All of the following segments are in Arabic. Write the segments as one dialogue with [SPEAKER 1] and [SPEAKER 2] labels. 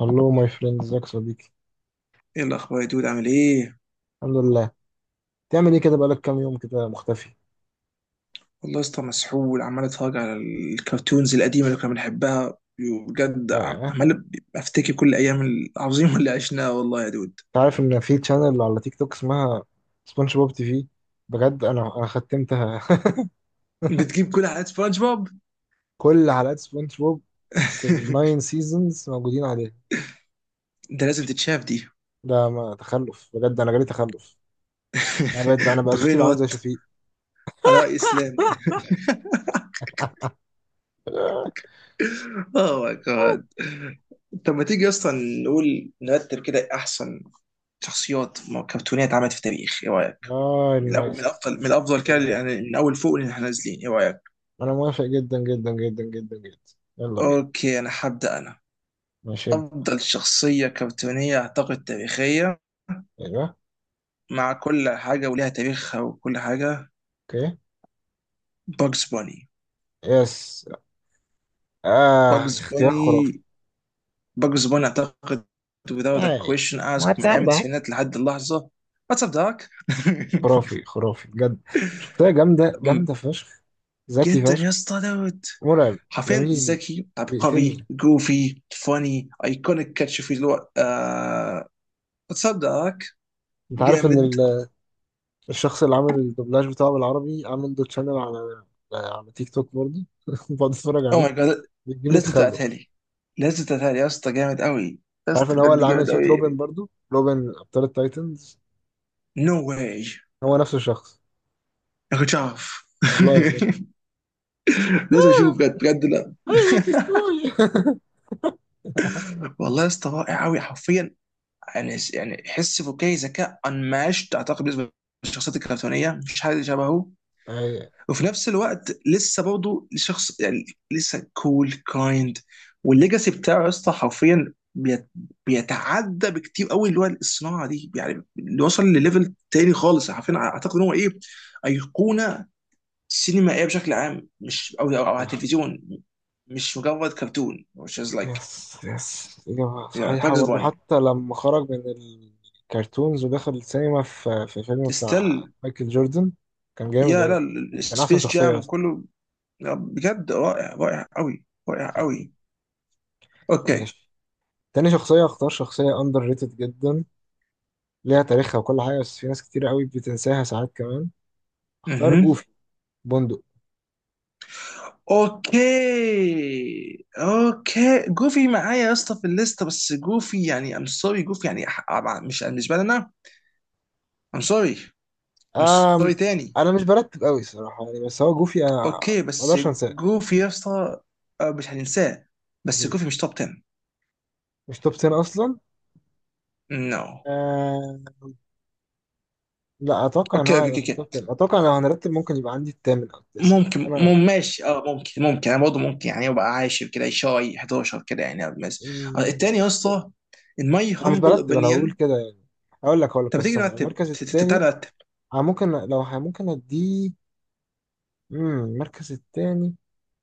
[SPEAKER 1] هلو ماي فريند، ازيك يا صديقي؟
[SPEAKER 2] ايه الاخبار يا دود؟ عامل ايه؟
[SPEAKER 1] الحمد لله. تعمل ايه كده؟ بقالك كام يوم كده مختفي.
[SPEAKER 2] والله يا اسطى مسحول، عمال اتفرج على الكرتونز القديمه اللي كنا بنحبها. بجد
[SPEAKER 1] اه،
[SPEAKER 2] عمال افتكر كل ايام العظيمه اللي عشناها والله يا دود.
[SPEAKER 1] انت عارف ان في تشانل على تيك توك اسمها سبونج بوب تي في؟ بجد انا ختمتها.
[SPEAKER 2] بتجيب كل حلقات سبونج بوب؟
[SPEAKER 1] كل حلقات سبونج بوب في الناين سيزونز موجودين عليها.
[SPEAKER 2] ده لازم تتشاف دي.
[SPEAKER 1] ده ما تخلف، بجد انا جالي تخلف. انا بقيت بقى، انا بقى صوتي
[SPEAKER 2] برين
[SPEAKER 1] بقى عامل زي
[SPEAKER 2] وات.
[SPEAKER 1] شفيق.
[SPEAKER 2] على رأي اسلام، اوه ماي جاد. طب ما تيجي اصلا نقول نرتب كده احسن شخصيات كرتونيه اتعملت في التاريخ، ايه رايك؟
[SPEAKER 1] اه،
[SPEAKER 2] من
[SPEAKER 1] نايس.
[SPEAKER 2] الافضل، كده يعني، من اول فوق اللي احنا نازلين، ايه رايك؟
[SPEAKER 1] انا موافق جدا جدا جدا جدا جدا، يلا بينا.
[SPEAKER 2] اوكي انا هبدأ انا.
[SPEAKER 1] ماشي، ابدأ.
[SPEAKER 2] افضل شخصية كرتونية اعتقد تاريخية،
[SPEAKER 1] ايوه.
[SPEAKER 2] مع كل حاجة وليها تاريخها وكل حاجة،
[SPEAKER 1] اوكي.
[SPEAKER 2] باجز بوني.
[SPEAKER 1] يس. آه،
[SPEAKER 2] باجز
[SPEAKER 1] اختيار
[SPEAKER 2] بوني.
[SPEAKER 1] خرافي.
[SPEAKER 2] باجز بوني اعتقد without a
[SPEAKER 1] اي،
[SPEAKER 2] question ask من ايام
[SPEAKER 1] وهتصدق؟
[SPEAKER 2] التسعينات لحد اللحظة. واتس اب داك.
[SPEAKER 1] خرافي خرافي بجد، شخصية جامدة جامدة فشخ، ذكي
[SPEAKER 2] جدا يا
[SPEAKER 1] فشخ،
[SPEAKER 2] اسطى دوت.
[SPEAKER 1] مرعب.
[SPEAKER 2] حرفيا
[SPEAKER 1] جميل.
[SPEAKER 2] ذكي، عبقري،
[SPEAKER 1] بيقتلني.
[SPEAKER 2] جوفي، فاني، ايكونيك، كاتش في الوقت. واتس اب داك
[SPEAKER 1] انت عارف ان
[SPEAKER 2] جامد.
[SPEAKER 1] الشخص اللي عامل الدوبلاج بتاعه بالعربي عامل له تشانل على، على تيك توك برضه؟ بقعد اتفرج
[SPEAKER 2] او
[SPEAKER 1] عليه،
[SPEAKER 2] ماي جاد،
[SPEAKER 1] بيجيب لي
[SPEAKER 2] لازم
[SPEAKER 1] تخلف. انت
[SPEAKER 2] تبعتها لي. لازم تبعتها لي يا اسطى، جامد قوي. يا
[SPEAKER 1] عارف ان
[SPEAKER 2] اسطى
[SPEAKER 1] هو
[SPEAKER 2] بجد
[SPEAKER 1] اللي عامل
[SPEAKER 2] جامد
[SPEAKER 1] صوت روبن
[SPEAKER 2] قوي.
[SPEAKER 1] برضه، روبن ابطال التايتنز؟
[SPEAKER 2] نو واي،
[SPEAKER 1] هو نفس الشخص،
[SPEAKER 2] ما كنتش اعرف.
[SPEAKER 1] والله بجد.
[SPEAKER 2] لازم اشوفه
[SPEAKER 1] آه،
[SPEAKER 2] بجد بجد. لا،
[SPEAKER 1] آه يا بيستوي.
[SPEAKER 2] والله يا اسطى رائع قوي حرفيا. يعني حس فكاهي، ذكاء unmatched اعتقد بالنسبه للشخصيات الكرتونيه، مفيش حد شبهه.
[SPEAKER 1] اي،
[SPEAKER 2] وفي نفس الوقت لسه برضه شخص يعني، لسه كول كايند. والليجاسي بتاعه يا اسطى حرفيا بيتعدى بكتير قوي اللي هو الصناعه دي يعني، اللي وصل لليفل تاني خالص. عارفين اعتقد ان هو ايه؟ ايقونه سينمائيه بشكل عام، مش او على
[SPEAKER 1] صح.
[SPEAKER 2] التلفزيون، مش مجرد كرتون which is like
[SPEAKER 1] يس يس، إجابة
[SPEAKER 2] yeah.
[SPEAKER 1] صحيحة.
[SPEAKER 2] باكس
[SPEAKER 1] برضه
[SPEAKER 2] بوني
[SPEAKER 1] حتى لما خرج من الكرتونز ودخل السينما في في فيلم بتاع
[SPEAKER 2] ستيل.
[SPEAKER 1] مايكل جوردن، كان جامد
[SPEAKER 2] يا
[SPEAKER 1] أوي.
[SPEAKER 2] لا،
[SPEAKER 1] كان أحسن
[SPEAKER 2] سبيس
[SPEAKER 1] شخصية
[SPEAKER 2] جام
[SPEAKER 1] أصلا.
[SPEAKER 2] وكله. لا، بجد رائع، رائع قوي، رائع قوي. اوكي.
[SPEAKER 1] ماشي، تاني شخصية اختار شخصية أندر ريتد جدا، ليها تاريخها وكل حاجة، بس في ناس كتير أوي بتنساها ساعات كمان. اختار
[SPEAKER 2] اها،
[SPEAKER 1] جوفي بندق.
[SPEAKER 2] اوكي اوكي، جوفي معايا يا اسطى في الليسته، بس جوفي يعني ام سوري، جوفي يعني مش بالنسبه لنا. ام سوري. ام
[SPEAKER 1] أم،
[SPEAKER 2] سوري تاني.
[SPEAKER 1] أنا مش برتب أوي صراحة يعني، بس هو جوفي أنا
[SPEAKER 2] اوكي بس
[SPEAKER 1] مقدرش أنساه.
[SPEAKER 2] جوفي يا اسطى، آه، مش هننساه. بس
[SPEAKER 1] أكيد
[SPEAKER 2] جوفي مش توب 10.
[SPEAKER 1] مش توب 10 أصلا.
[SPEAKER 2] نو، no.
[SPEAKER 1] آه، لا، اتوقع ان
[SPEAKER 2] اوكي،
[SPEAKER 1] هو
[SPEAKER 2] اوكي،
[SPEAKER 1] هيبقى
[SPEAKER 2] اوكي،
[SPEAKER 1] في التوب
[SPEAKER 2] أوكي.
[SPEAKER 1] 10. اتوقع لو هنرتب ممكن يبقى عندي الثامن او التاسع.
[SPEAKER 2] ممكن،
[SPEAKER 1] انا،
[SPEAKER 2] مم، ماشي، اه ممكن ممكن انا برضه ممكن يعني يبقى عاشر كده، شاي 11 كده يعني بس. آه،
[SPEAKER 1] مم،
[SPEAKER 2] التاني يا اسطى in my
[SPEAKER 1] انا مش
[SPEAKER 2] humble
[SPEAKER 1] برتب، انا بقول
[SPEAKER 2] opinion.
[SPEAKER 1] كده يعني. اقول لك
[SPEAKER 2] طب
[SPEAKER 1] طب
[SPEAKER 2] تيجي
[SPEAKER 1] استنى
[SPEAKER 2] نرتب
[SPEAKER 1] المركز الثاني.
[SPEAKER 2] تعالى نرتب.
[SPEAKER 1] انا ممكن، ممكن اديه، المركز الثاني.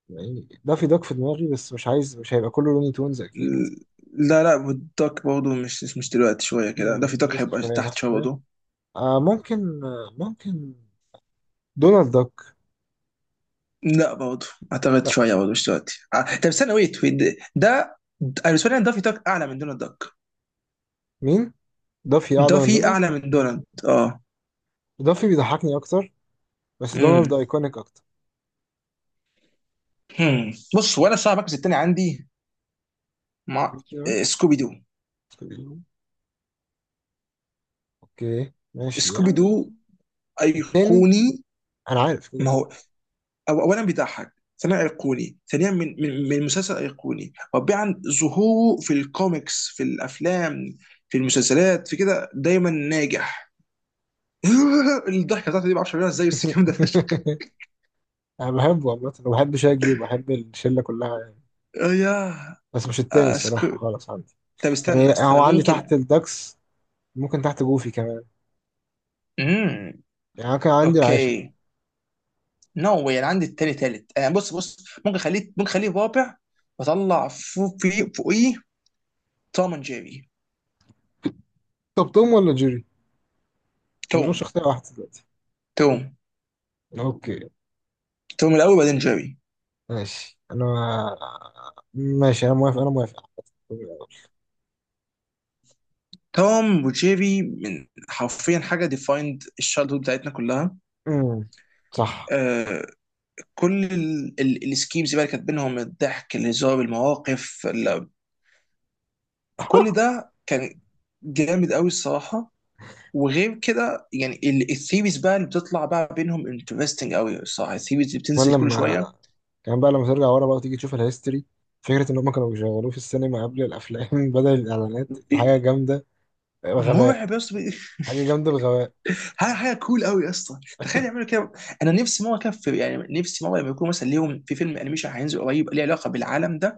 [SPEAKER 1] يعني ده في دوك في دماغي، بس مش عايز، مش هيبقى كله لوني تونز اكيد.
[SPEAKER 2] لا والدوك برضه مش دلوقتي، شوية كده، ده في دوك
[SPEAKER 1] لسه
[SPEAKER 2] هيبقى
[SPEAKER 1] شويه،
[SPEAKER 2] تحت
[SPEAKER 1] تحت
[SPEAKER 2] شوية
[SPEAKER 1] شويه.
[SPEAKER 2] برضه.
[SPEAKER 1] آه ممكن، آه، ممكن. دونالد داك،
[SPEAKER 2] لا برضه، أعتقد
[SPEAKER 1] لا.
[SPEAKER 2] شوية برضه مش دلوقتي. آه، طب استنى، ويت ويت ده ده- أنا بالنسبة لي أنا دافي دوك أعلى من دونالد دوك.
[SPEAKER 1] مين؟ دافي اعلى من
[SPEAKER 2] دافي
[SPEAKER 1] دونالد.
[SPEAKER 2] أعلى من دونالد أه.
[SPEAKER 1] دافي بيضحكني اكتر، بس
[SPEAKER 2] امم.
[SPEAKER 1] دونالد ايكونيك اكتر.
[SPEAKER 2] هم. بص، وأنا الصراحة المركز التاني عندي مع
[SPEAKER 1] ميكي
[SPEAKER 2] آه،
[SPEAKER 1] ماوس.
[SPEAKER 2] سكوبي دو.
[SPEAKER 1] اوكي ماشي
[SPEAKER 2] سكوبي
[SPEAKER 1] يعني.
[SPEAKER 2] دو
[SPEAKER 1] التاني،
[SPEAKER 2] أيقوني.
[SPEAKER 1] انا عارف كده
[SPEAKER 2] ما
[SPEAKER 1] كده.
[SPEAKER 2] هو أو اولا بيضحك، ثانيا ايقوني، ثانيا من مسلسل ايقوني، رابعا ظهوره في الكوميكس، في الافلام، في المسلسلات، في كده دايما ناجح. الضحكه بتاعته دي ما اعرفش اعملها ازاي بس الكلام ده فشخ.
[SPEAKER 1] انا بحبه عامة، وبحب شاجي، وبحب الشلة كلها يعني،
[SPEAKER 2] آه يا،
[SPEAKER 1] بس مش التاني الصراحة
[SPEAKER 2] اسكت.
[SPEAKER 1] خالص عندي.
[SPEAKER 2] طب استنى،
[SPEAKER 1] يعني هو
[SPEAKER 2] استنى
[SPEAKER 1] عندي تحت
[SPEAKER 2] ممكن.
[SPEAKER 1] الدكس، ممكن تحت جوفي كمان.
[SPEAKER 2] امم.
[SPEAKER 1] يعني أنا كان عندي العاشر بقى.
[SPEAKER 2] اوكي، نو واي. انا عندي التاني تالت آه، بص بص ممكن خليه، ممكن خليه رابع واطلع فوق في فوقيه. توم اند جيري.
[SPEAKER 1] طب توم ولا جيري؟ ما
[SPEAKER 2] توم.
[SPEAKER 1] بنقولش اختيار واحد دلوقتي.
[SPEAKER 2] توم
[SPEAKER 1] اوكي.
[SPEAKER 2] توم الاول بعدين جيري.
[SPEAKER 1] ماشي انا، ماشي انا موافق، انا موافق.
[SPEAKER 2] توم وجيري من حرفيا حاجه ديفايند الشالدهود بتاعتنا كلها.
[SPEAKER 1] أمم، صح.
[SPEAKER 2] آه، كل السكيمز بقى اللي كانت بينهم، الضحك، الهزار، المواقف كل ده كان جامد قوي الصراحه. وغير كده يعني، الثيريز بقى اللي بتطلع بقى بينهم انترستنج قوي الصراحه، الثيريز اللي
[SPEAKER 1] كمان
[SPEAKER 2] بتنزل كل
[SPEAKER 1] لما
[SPEAKER 2] شويه.
[SPEAKER 1] كمان بقى لما ترجع ورا بقى وتيجي تشوف الهيستوري، فكرة إن هما كانوا بيشغلوه في السينما قبل الأفلام بدل الإعلانات، دي حاجة
[SPEAKER 2] بي-
[SPEAKER 1] جامدة بغباء.
[SPEAKER 2] مرعب يا اسطى.
[SPEAKER 1] حاجة جامدة بغباء،
[SPEAKER 2] حاجه كول قوي يا اسطى. تخيل يعملوا كده. انا نفسي مره كده يعني نفسي مره لما يكون مثلا ليهم في فيلم انيميشن هينزل قريب ليه علاقه بالعالم ده،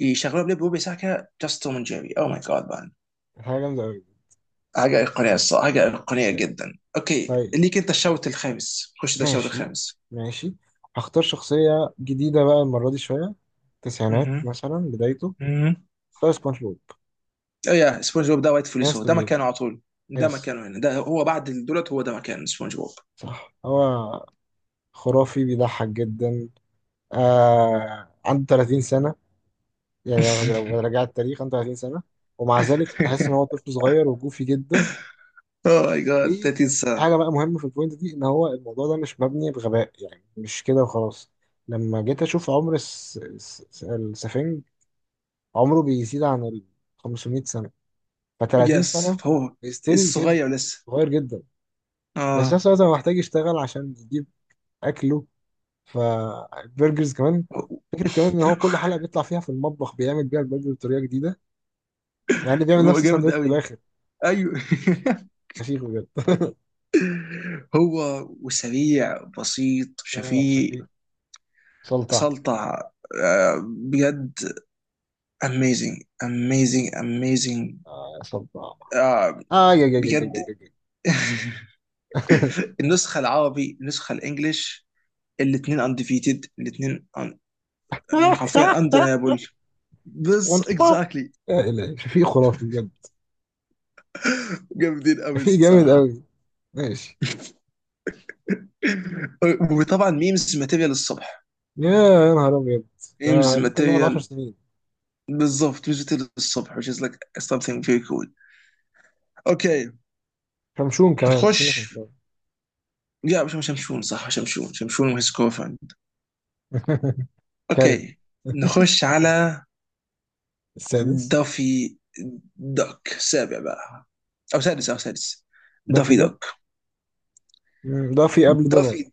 [SPEAKER 2] يشغلون لي بوبي ساكا جاست توم جيري. او ماي جاد مان،
[SPEAKER 1] حاجة جامدة أوي
[SPEAKER 2] حاجه ايقونيه الصراحه، حاجه ايقونيه
[SPEAKER 1] يعني.
[SPEAKER 2] جدا. اوكي
[SPEAKER 1] طيب،
[SPEAKER 2] ليك، انت الشوط الخامس، خش، ده الشوط
[SPEAKER 1] ماشي،
[SPEAKER 2] الخامس.
[SPEAKER 1] ماشي، هختار شخصية جديدة بقى المرة دي، شوية تسعينات
[SPEAKER 2] مهم.
[SPEAKER 1] مثلا بدايته.
[SPEAKER 2] مهم.
[SPEAKER 1] اختار سبونج بوب.
[SPEAKER 2] اه يا، سبونج بوب ده وايت فلوس،
[SPEAKER 1] يس
[SPEAKER 2] هو
[SPEAKER 1] تو
[SPEAKER 2] ده
[SPEAKER 1] بي.
[SPEAKER 2] مكانه على طول. ده
[SPEAKER 1] يس.
[SPEAKER 2] مكانه هنا، ده هو بعد دولت، هو ده مكان سبونج بوب.
[SPEAKER 1] صح، هو خرافي، بيضحك جدا. آه عنده 30 سنة يعني، لو رجعت التاريخ 35 سنة، ومع ذلك تحس إن هو طفل صغير وجوفي جدا.
[SPEAKER 2] اوه ماي جاد. ده تنسى.
[SPEAKER 1] وحاجة بقى مهمة في البوينت دي، إن هو الموضوع ده مش مبني بغباء يعني، مش كده وخلاص. لما جيت أشوف عمر السفنج، عمره بيزيد عن ال 500 سنة. ف 30
[SPEAKER 2] يس
[SPEAKER 1] سنة
[SPEAKER 2] فهو
[SPEAKER 1] ستيل كده
[SPEAKER 2] الصغير لسه.
[SPEAKER 1] صغير جدا، بس في
[SPEAKER 2] اه.
[SPEAKER 1] نفس الوقت هو محتاج يشتغل عشان يجيب أكله فالبرجرز كمان. فكرة كمان إن هو كل حلقة بيطلع فيها في المطبخ بيعمل بيها البرجر بطريقة جديدة، مع إنه بيعمل
[SPEAKER 2] هو
[SPEAKER 1] نفس
[SPEAKER 2] جامد
[SPEAKER 1] الساندوتش في
[SPEAKER 2] قوي.
[SPEAKER 1] الآخر.
[SPEAKER 2] ايوه.
[SPEAKER 1] شفيق بجد.
[SPEAKER 2] هو وسريع، بسيط،
[SPEAKER 1] آه
[SPEAKER 2] شفيق.
[SPEAKER 1] شفيق. سلطع.
[SPEAKER 2] سلطة. آه، بجد amazing amazing amazing.
[SPEAKER 1] سلطع.
[SPEAKER 2] آه،
[SPEAKER 1] آه، يا يا يا يا
[SPEAKER 2] بجد.
[SPEAKER 1] يا يا يا.
[SPEAKER 2] النسخة العربي، النسخة الانجليش، الاثنين undefeated، الاثنين حرفيا undeniable. بس
[SPEAKER 1] سبونج بوب،
[SPEAKER 2] exactly.
[SPEAKER 1] يا إلهي، شفيق خرافي بجد.
[SPEAKER 2] جامدين قوي
[SPEAKER 1] شفيق جامد
[SPEAKER 2] الصراحة.
[SPEAKER 1] قوي. ماشي.
[SPEAKER 2] وطبعا ميمز ماتيريال الصبح.
[SPEAKER 1] يا، يا نهار أبيض،
[SPEAKER 2] ميمز
[SPEAKER 1] ده ممكن نقعد
[SPEAKER 2] ماتيريال.
[SPEAKER 1] 10 سنين.
[SPEAKER 2] بالظبط ميمز ماتيريال الصبح which is like something very cool. اوكي،
[SPEAKER 1] شمشون كمان، نسينا
[SPEAKER 2] نخش.
[SPEAKER 1] شمشون.
[SPEAKER 2] لا، مش شمشون، صح. شمشون شمشون وهيز.
[SPEAKER 1] كارين.
[SPEAKER 2] اوكي. نخش على
[SPEAKER 1] السادس،
[SPEAKER 2] دافي دوك. سابع بقى، او سادس.
[SPEAKER 1] دافي
[SPEAKER 2] دافي
[SPEAKER 1] ده.
[SPEAKER 2] دوك.
[SPEAKER 1] دافي قبل دونالد.
[SPEAKER 2] دافي،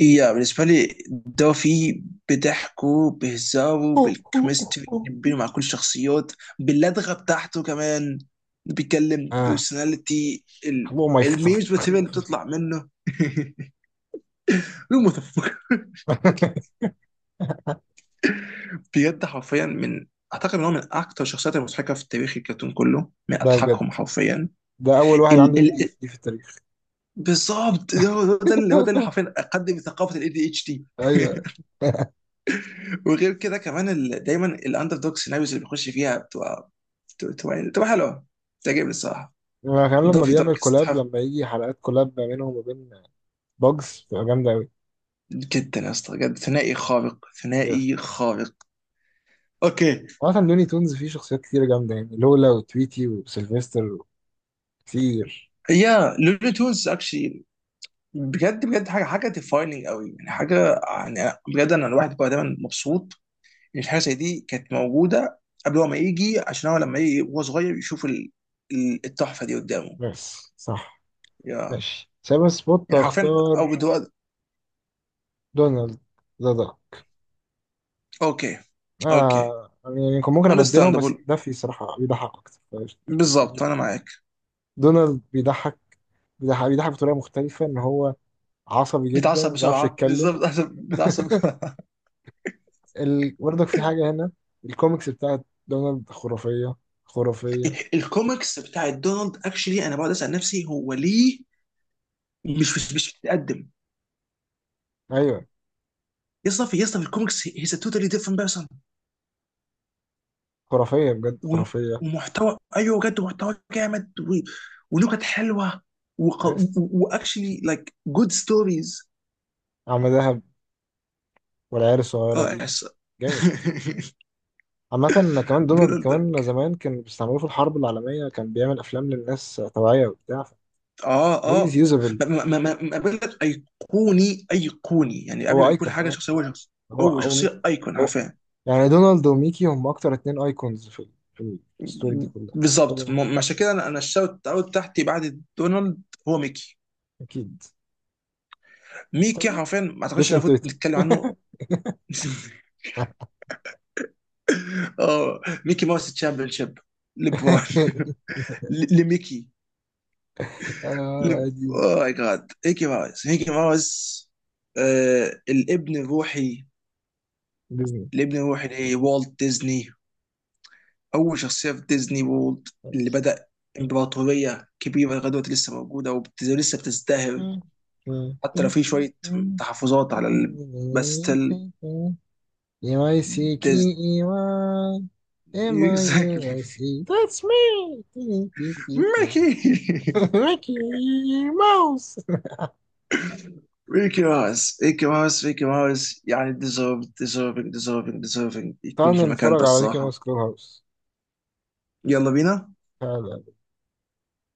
[SPEAKER 2] يا بالنسبة لي دافي، بضحكه، بهزاره، بالكيمستري بينه مع كل الشخصيات، باللدغة بتاعته كمان، بيتكلم،
[SPEAKER 1] اه،
[SPEAKER 2] بيرسوناليتي،
[SPEAKER 1] حبوب ما يفخ.
[SPEAKER 2] الميمز والتبين اللي بتطلع منه. المتفق، بجد حرفيا من، اعتقد ان هو من اكتر الشخصيات المضحكه في تاريخ الكرتون كله، من
[SPEAKER 1] ده بجد،
[SPEAKER 2] اضحكهم حرفيا.
[SPEAKER 1] ده أول واحد عنده
[SPEAKER 2] ال
[SPEAKER 1] اي
[SPEAKER 2] ال
[SPEAKER 1] دي اتش دي في التاريخ.
[SPEAKER 2] بالظبط ده هو، هو ده اللي حرفيا اقدم ثقافه الاي دي اتش دي.
[SPEAKER 1] أيوه.
[SPEAKER 2] وغير كده كمان ال دايما الاندر دوج سيناريوز اللي بيخش فيها بتبقى، يعني بتبقى حلوه، بتعجبني الصراحه.
[SPEAKER 1] أنا كمان لما
[SPEAKER 2] دافي
[SPEAKER 1] بيعمل
[SPEAKER 2] دارك
[SPEAKER 1] كولاب،
[SPEAKER 2] يستحق.
[SPEAKER 1] لما يجي حلقات كولاب ما بينهم وبين باجز، بتبقى جامدة أوي.
[SPEAKER 2] جدا يا اسطى بجد، ثنائي خارق،
[SPEAKER 1] يس.
[SPEAKER 2] ثنائي خارق. اوكي.
[SPEAKER 1] عامة لوني تونز فيه شخصيات كتير جامدة يعني، لولا، وتويتي، وسيلفستر، كتير.
[SPEAKER 2] يا لولو تونز اكشلي، بجد بجد، حاجه، حاجه ديفايننج قوي يعني، حاجه يعني بجد انا الواحد بقى دايما مبسوط الحاجه زي دي كانت موجوده قبل هو ما يجي، عشان هو لما يجي وهو صغير يشوف التحفه دي قدامه.
[SPEAKER 1] بس صح.
[SPEAKER 2] يا،
[SPEAKER 1] ماشي، سايبر سبوت
[SPEAKER 2] يعني حرفيا او
[SPEAKER 1] أختار
[SPEAKER 2] بدو.
[SPEAKER 1] دونالد. ده،
[SPEAKER 2] اوكي اوكي
[SPEAKER 1] آه يعني، يعني كان ممكن أبدلهم،
[SPEAKER 2] understandable.
[SPEAKER 1] بس ده في صراحة بيضحك أكتر فقشطة.
[SPEAKER 2] بالظبط انا معاك.
[SPEAKER 1] دونالد بيضحك، بيضحك بطريقة مختلفة، إن هو عصبي جدا
[SPEAKER 2] بيتعصب
[SPEAKER 1] وما بيعرفش
[SPEAKER 2] بسرعه،
[SPEAKER 1] يتكلم.
[SPEAKER 2] بالظبط أنا بيتعصب بسرعه.
[SPEAKER 1] برضك في حاجة هنا، الكوميكس بتاعت دونالد خرافية، خرافية.
[SPEAKER 2] الكوميكس بتاعت دونالد اكشلي انا بقعد اسال نفسي هو ليه مش بيتقدم.
[SPEAKER 1] أيوة،
[SPEAKER 2] يا اسطى في، يا اسطى في الكوميكس هيز توتالي ديفرنت بيرسون.
[SPEAKER 1] خرافية بجد،
[SPEAKER 2] و-
[SPEAKER 1] خرافية.
[SPEAKER 2] ومحتوى، ايوه بجد محتوى جامد و... ونكت حلوه، وق...
[SPEAKER 1] عرس،
[SPEAKER 2] واكشلي لايك جود ستوريز.
[SPEAKER 1] عم دهب، والعيال الصغيرة
[SPEAKER 2] اه
[SPEAKER 1] دي،
[SPEAKER 2] يس.
[SPEAKER 1] جامد. عامة كمان، دونالد
[SPEAKER 2] دونالد
[SPEAKER 1] كمان
[SPEAKER 2] داك،
[SPEAKER 1] زمان كان بيستعملوه في الحرب العالمية، كان بيعمل أفلام للناس توعية وبتاع.
[SPEAKER 2] اه
[SPEAKER 1] هيز
[SPEAKER 2] اه.
[SPEAKER 1] يوزابل.
[SPEAKER 2] ما بقول لك، ايقوني، ايقوني يعني، قبل ما
[SPEAKER 1] هو
[SPEAKER 2] يكون
[SPEAKER 1] أيكون،
[SPEAKER 2] حاجه
[SPEAKER 1] اه.
[SPEAKER 2] شخصيه هو شخص،
[SPEAKER 1] هو
[SPEAKER 2] هو
[SPEAKER 1] هو
[SPEAKER 2] شخصيه ايكون
[SPEAKER 1] هو
[SPEAKER 2] حرفيا.
[SPEAKER 1] يعني، دونالد وميكي هم أكتر اتنين أيكونز في في الستوري دي كلها.
[SPEAKER 2] بالظبط
[SPEAKER 1] كلنا
[SPEAKER 2] عشان كده انا الشوت اوت تحتي بعد دونالد هو ميكي.
[SPEAKER 1] أكيد.
[SPEAKER 2] ميكي
[SPEAKER 1] سميك،
[SPEAKER 2] حرفيا ما اعتقدش ان
[SPEAKER 1] جيسون
[SPEAKER 2] المفروض
[SPEAKER 1] تيتو.
[SPEAKER 2] نتكلم عنه. اه، ميكي ماوس تشامبيون شيب، ليبرون لميكي. ل...
[SPEAKER 1] آه دي
[SPEAKER 2] اوه ماي جاد، ميكي ماوس، ميكي ماوس، آه، الابن الروحي،
[SPEAKER 1] ديزني.
[SPEAKER 2] الابن الروحي لوالت ديزني، اول شخصيه في ديزني وولد، اللي بدا امبراطوريه كبيره لغايه دلوقتي لسه موجوده ولسه بتزدهر، حتى لو في شويه تحفظات على ال... بس ستيل
[SPEAKER 1] ام اي سي كي
[SPEAKER 2] ديزني.
[SPEAKER 1] اي واي، ام اي يو
[SPEAKER 2] اكزاكتلي.
[SPEAKER 1] اي سي، ذاتس مي.
[SPEAKER 2] ميكي.
[SPEAKER 1] ميكي ماوس.
[SPEAKER 2] ميكي ماوس، ميكي ماوس، ميكي ماوس يعني ديزيرف، ديزيرفينج، ديزيرفينج يكون
[SPEAKER 1] تعال
[SPEAKER 2] في المكان ده
[SPEAKER 1] نتفرج على ميكي
[SPEAKER 2] الصراحه.
[SPEAKER 1] ماوس كلوب هاوس،
[SPEAKER 2] يلا بينا.
[SPEAKER 1] تعال.